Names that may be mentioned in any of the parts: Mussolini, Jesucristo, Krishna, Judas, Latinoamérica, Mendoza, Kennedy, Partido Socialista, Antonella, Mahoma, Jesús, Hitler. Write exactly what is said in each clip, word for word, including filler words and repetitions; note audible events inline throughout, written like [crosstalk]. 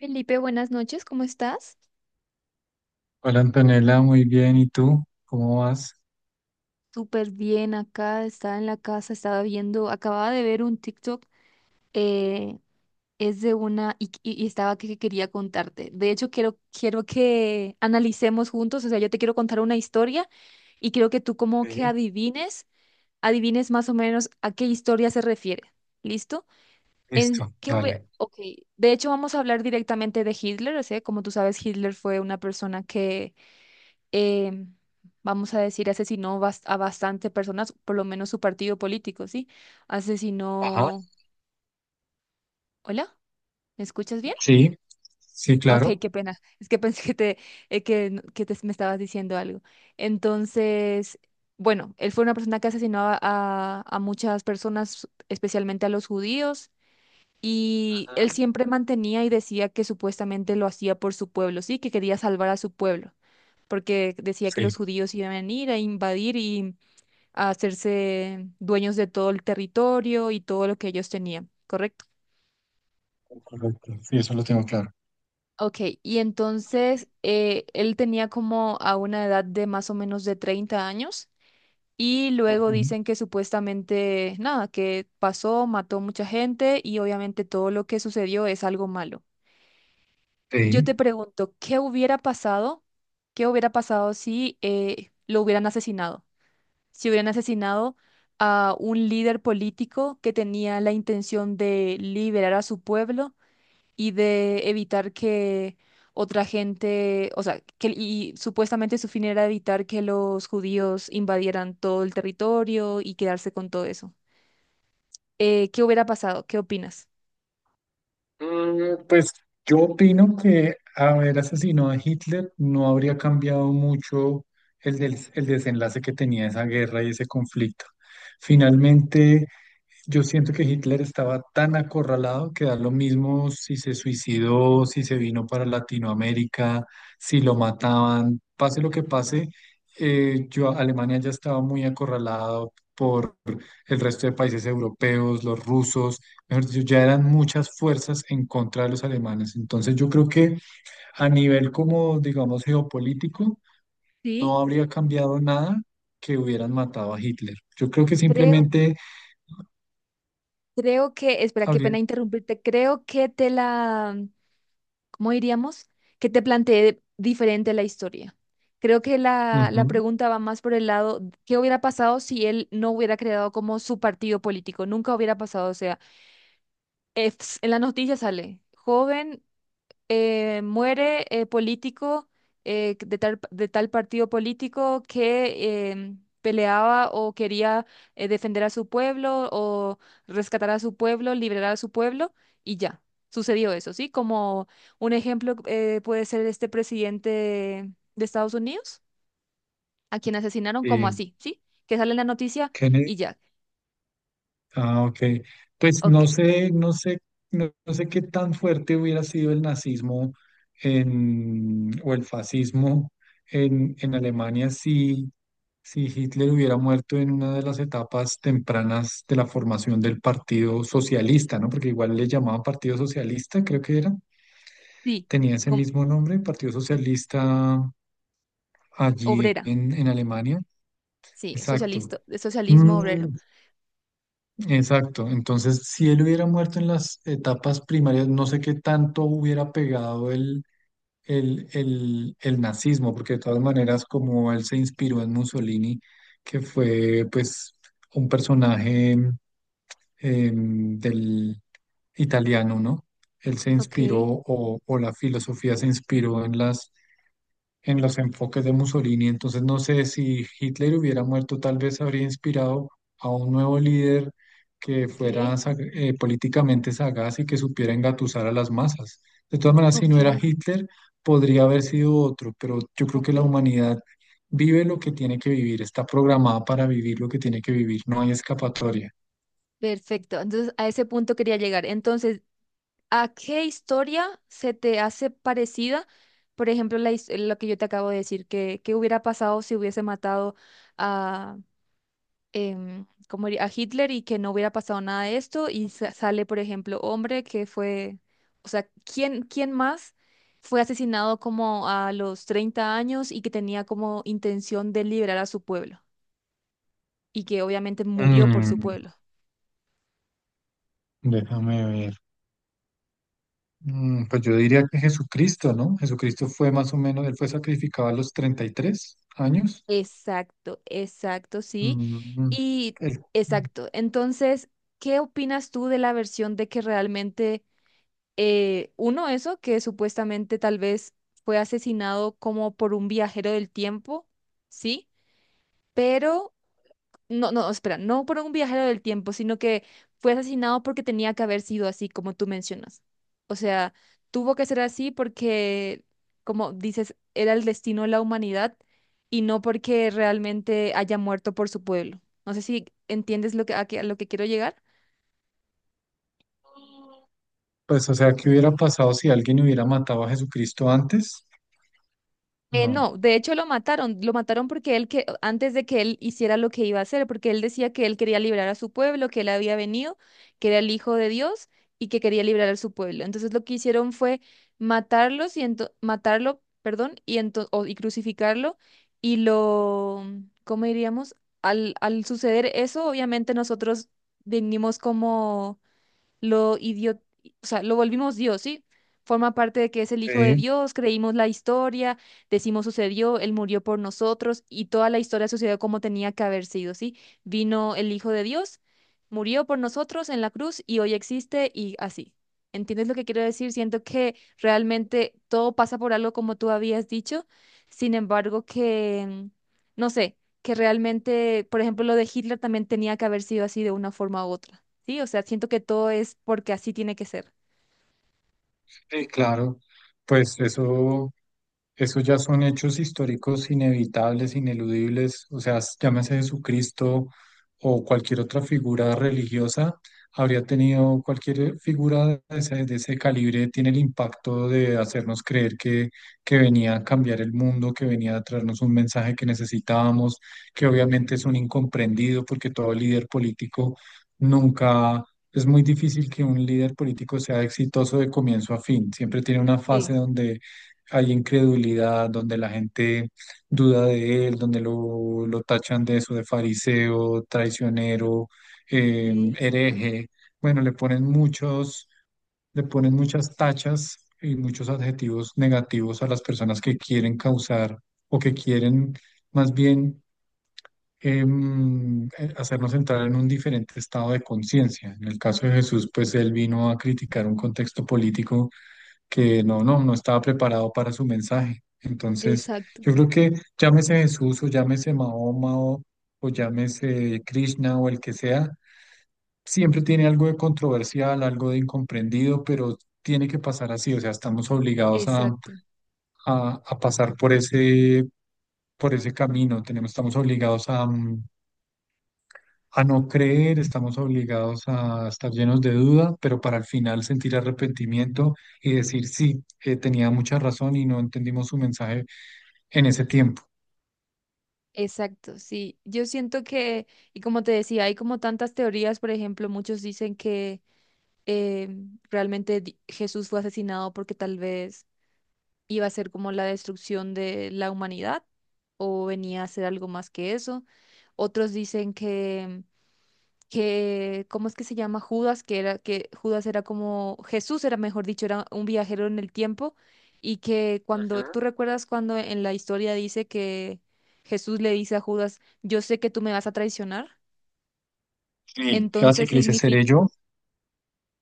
Felipe, buenas noches, ¿cómo estás? Hola Antonella, muy bien. ¿Y tú? ¿Cómo vas? Súper bien acá, estaba en la casa, estaba viendo, acababa de ver un TikTok, eh, es de una, y, y- y estaba que, que quería contarte. De hecho, quiero, quiero que analicemos juntos, o sea, yo te quiero contar una historia y quiero que tú como que Sí, adivines, adivines más o menos a qué historia se refiere. ¿Listo? En, listo, ¿qué hube- dale. Ok, de hecho vamos a hablar directamente de Hitler, o sea, como tú sabes, Hitler fue una persona que eh, vamos a decir, asesinó bas- a bastante personas, por lo menos su partido político, ¿sí? Ajá, Asesinó... ¿Hola? ¿Me escuchas bien? sí, sí, Ah, ok, claro. qué pena. [laughs] Es que pensé que te, eh, que, n- que te- me estabas diciendo algo. Entonces, bueno, él fue una persona que asesinó a, a a muchas personas, especialmente a los judíos. Y Ajá. él siempre mantenía y decía que supuestamente lo hacía por su pueblo, sí, que quería salvar a su pueblo, porque decía que Sí, los judíos iban a ir a invadir, a hacerse dueños de todo el territorio y todo lo que ellos tenían, ¿correcto? correcto. Sí, eso lo tengo claro. Ok, y entonces eh, él tenía como a una edad de más o menos de treinta años, y luego Ujú. dicen que supuestamente, nada, que pasó, mató mucha gente y obviamente todo lo que sucedió es algo malo. Yo te Sí. pregunto, ¿qué hubiera pasado? ¿Qué hubiera pasado si eh, lo hubieran asesinado? Si hubieran asesinado a un líder político que tenía la intención de liberar a su pueblo y de evitar que otra gente, o sea, que, y supuestamente su fin era evitar que los judíos invadieran todo el territorio y quedarse con todo eso. Eh, ¿qué hubiera pasado? ¿Qué opinas? Mm, Pues yo opino que haber asesinado a Hitler no habría cambiado mucho el, des- el desenlace que tenía esa guerra y ese conflicto. Finalmente, yo siento que Hitler estaba tan acorralado que da lo mismo si se suicidó, si se vino para Latinoamérica, si lo mataban, pase lo que pase, eh, yo, Alemania ya estaba muy acorralado por el resto de países europeos, los rusos, mejor dicho, ya eran muchas fuerzas en contra de los alemanes. Entonces yo creo que a nivel como, digamos, geopolítico, Sí. no habría cambiado nada que hubieran matado a Hitler. Yo creo que Creo, simplemente creo que, espera, qué habría... pena interrumpirte, creo que te la, ¿cómo diríamos? Que te planteé diferente la historia. Creo que la, la Ujú, pregunta va más por el lado, ¿qué hubiera pasado si él no hubiera creado como su partido político? Nunca hubiera pasado, o sea, es- en la noticia sale, joven, eh, muere, eh, político, eh, de tal, de tal partido político que em, peleaba o quería eh, defender a su pueblo o rescatar a su pueblo, liberar a su pueblo, y ya. Sucedió eso, ¿sí? Como un ejemplo, eh, puede ser este presidente de Estados Unidos, a quien asesinaron como sí. así, ¿sí? Que sale en la noticia Kennedy. y ya. Ah, ok. Pues Ok, no sé, no sé, no, no sé qué tan fuerte hubiera sido el nazismo en, o el fascismo en, en Alemania si, si Hitler hubiera muerto en una de las etapas tempranas de la formación del Partido Socialista, ¿no? Porque igual le llamaban Partido Socialista, creo que era. sí, Tenía ese com- mismo nombre, Partido Socialista allí obrera, en, en Alemania. sí, Exacto. socialista, de socialismo Mm, obrero. exacto. Entonces, si él hubiera muerto en las etapas primarias, no sé qué tanto hubiera pegado el, el, el, el nazismo, porque de todas maneras, como él se inspiró en Mussolini, que fue pues un personaje em, del italiano, ¿no? Él se Ok, inspiró o, o la filosofía se inspiró en las en los enfoques de Mussolini. Entonces no sé si Hitler hubiera muerto, tal vez habría inspirado a un nuevo líder que fuera ok, sa- eh, políticamente sagaz y que supiera engatusar a las masas. De todas maneras, si ok. no era Hitler, podría haber sido otro, pero yo creo que Ok, la humanidad vive lo que tiene que vivir, está programada para vivir lo que tiene que vivir, no hay escapatoria. perfecto. Entonces, a ese punto quería llegar. Entonces, ¿a qué historia se te hace parecida? Por ejemplo, la, his- lo que yo te acabo de decir, que, qué hubiera pasado si hubiese matado a, em, ¿cómo diría? A Hitler y que no hubiera pasado nada de esto y sa- sale, por ejemplo, hombre que fue, o sea, ¿quién, quién más fue asesinado como a los treinta años y que tenía como intención de liberar a su pueblo y que obviamente murió por su Mm, pueblo? déjame ver. Mm, pues yo diría que Jesucristo, ¿no? Jesucristo fue más o menos, él fue sacrificado a los treinta y tres años. Exacto, exacto, sí. Mm, Y el- exacto. Entonces, ¿qué opinas tú de la versión de que realmente, eh, uno, eso, que supuestamente tal vez fue asesinado como por un viajero del tiempo, ¿sí? Pero no, no, espera, no por un viajero del tiempo, sino que fue asesinado porque tenía que haber sido así, como tú mencionas. O sea, tuvo que ser así porque, como dices, era el destino de la humanidad y no porque realmente haya muerto por su pueblo. No sé si entiendes lo que, a, qué- a lo que quiero llegar. pues, o sea, ¿qué hubiera pasado si alguien hubiera matado a Jesucristo antes? Eh, No. no, de hecho lo mataron, lo mataron porque él, que antes de que él hiciera lo que iba a hacer, porque él decía que él quería librar a su pueblo, que él había venido, que era el hijo de Dios y que quería librar a su pueblo. Entonces lo que hicieron fue matarlos y ento- matarlo, perdón, y ento- o- y crucificarlo y lo, ¿cómo diríamos? Al al suceder eso, obviamente nosotros venimos como lo idio- o sea, lo volvimos Dios, ¿sí? Forma parte de que es el Hijo de Sí, Dios, creímos la historia, decimos sucedió, Él murió por nosotros y toda la historia sucedió como tenía que haber sido, ¿sí? Vino el Hijo de Dios, murió por nosotros en la cruz y hoy existe y así. ¿Entiendes lo que quiero decir? Siento que realmente todo pasa por algo, como tú habías dicho, sin embargo que, mm, no sé, que realmente, por ejemplo, lo de Hitler también tenía que haber sido así de una forma u otra. Sí, o sea, siento que todo es porque así tiene que ser. sí, claro. Pues eso. Esos ya son hechos históricos inevitables, ineludibles, o sea, s- llámese Jesucristo o cualquier otra figura religiosa, habría tenido cualquier figura de ese, de ese calibre, tiene el impacto de hacernos creer que, que venía a cambiar el mundo, que venía a traernos un mensaje que necesitábamos, que obviamente es un incomprendido porque todo líder político nunca... Es muy difícil que un líder político sea exitoso de comienzo a fin, siempre tiene una fase donde hay incredulidad, donde la gente duda de él, donde lo, lo tachan de eso, de fariseo, traicionero, eh, hereje. Bueno, le ponen muchos, le ponen muchas tachas y muchos adjetivos negativos a las personas que quieren causar o que quieren más bien em, eh, hacernos entrar en un diferente estado de conciencia. En el caso de Jesús, pues él vino a criticar un contexto político que no, no, no estaba preparado para su mensaje. Entonces, Exacto, yo creo que llámese Jesús o llámese Mahoma o, o llámese Krishna o el que sea, siempre tiene algo de controversial, algo de incomprendido, pero tiene que pasar así, o sea, estamos obligados a, exacto. a- a pasar por ese, por ese camino, tenemos, estamos obligados a, mm, a no creer, estamos obligados a estar llenos de duda, pero para al final sentir arrepentimiento y decir, sí, eh, tenía mucha razón y no entendimos su mensaje en ese tiempo. Exacto, sí. Yo siento que, y como te decía, hay como tantas teorías, por ejemplo, muchos dicen que eh, realmente di- Jesús fue asesinado porque tal vez iba a ser como la destrucción de la humanidad o venía a ser algo más que eso. Otros dicen que que, ¿cómo es que se llama? Judas, que era, que Judas era como, Jesús era, mejor dicho, era un viajero en el tiempo, y que cuando, Ujú. ¿tú recuerdas cuando en la historia dice que Jesús le dice a Judas, yo sé que tú me vas a traicionar? Sí. Así Entonces que le dice, ¿seré significa... yo?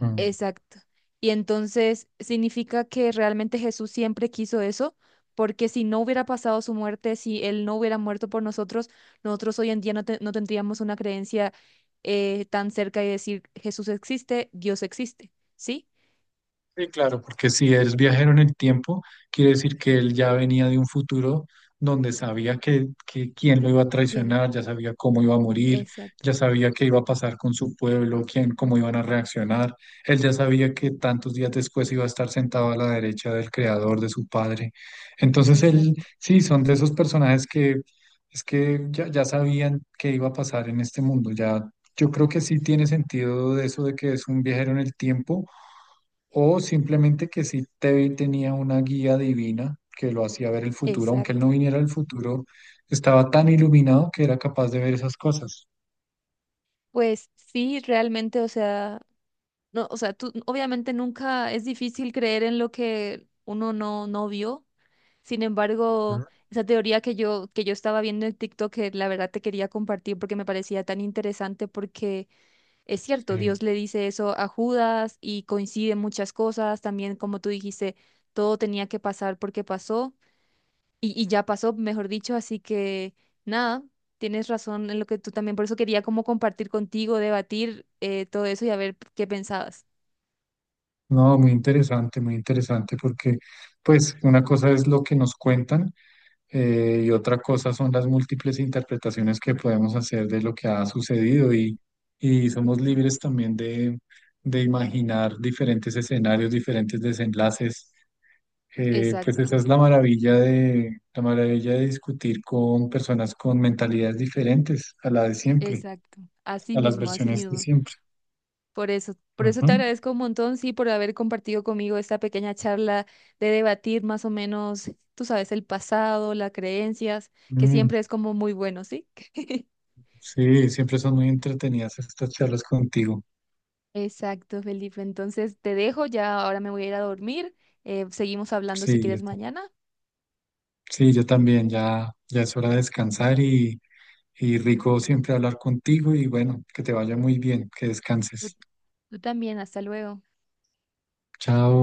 Mm. Exacto. Y entonces significa que realmente Jesús siempre quiso eso, porque si no hubiera pasado su muerte, si Él no hubiera muerto por nosotros, nosotros hoy en día no, te- no tendríamos una creencia, eh, tan cerca de decir Jesús existe, Dios existe, ¿sí? Sí, claro, porque si es viajero en el tiempo, quiere decir que él ya venía de un futuro donde sabía que, que quién lo iba a Y traicionar, ya sabía cómo iba a morir, exacto, ya sabía qué iba a pasar con su pueblo, quién, cómo iban a reaccionar. Él ya sabía que tantos días después iba a estar sentado a la derecha del creador, de su padre. Entonces él, exacto, sí, son de esos personajes que es que ya, ya sabían qué iba a pasar en este mundo. Ya, yo creo que sí tiene sentido de eso de que es un viajero en el tiempo o simplemente que sí te, tenía una guía divina que lo hacía ver el futuro, aunque él no exacto. viniera al futuro, estaba tan iluminado que era capaz de ver esas cosas. Pues sí, realmente, o sea, no, o sea, tú obviamente nunca es difícil creer en lo que uno no, no vio. Sin embargo, Ujú, esa teoría que yo, que yo estaba viendo en TikTok, que la verdad te quería compartir porque me parecía tan interesante, porque es cierto, sí. Dios le dice eso a Judas y coinciden muchas cosas, también como tú dijiste, todo tenía que pasar porque pasó y, y ya pasó, mejor dicho, así que nada, tienes razón en lo que tú también, por eso quería como compartir contigo, debatir, eh, todo eso y a ver qué pensabas. No, muy interesante, muy interesante, porque pues una cosa es lo que nos cuentan eh, y otra cosa son las múltiples interpretaciones que podemos hacer de lo que ha sucedido y, y somos Correcto. libres también de, de imaginar diferentes escenarios, diferentes desenlaces. Eh, pues Exacto, esa es la maravilla de, la maravilla de discutir con personas con mentalidades diferentes a la de siempre, exacto, así a las mismo, así versiones de mismo. siempre. Por eso, por eso te Ujú. agradezco un montón, sí, por haber compartido conmigo esta pequeña charla de debatir más o menos, tú sabes, el pasado, las creencias, que Mm, siempre es como muy bueno, ¿sí? [laughs] sí, siempre son muy entretenidas estas charlas contigo. Exacto, Felipe. Entonces te dejo, ya ahora me voy a ir a dormir. Eh, seguimos hablando si Sí, quieres yo, ta- mañana. sí, yo también, ya, ya es hora de descansar y, y rico siempre hablar contigo y bueno, que te vaya muy bien, que tú descanses. Tú también, hasta luego. Chao.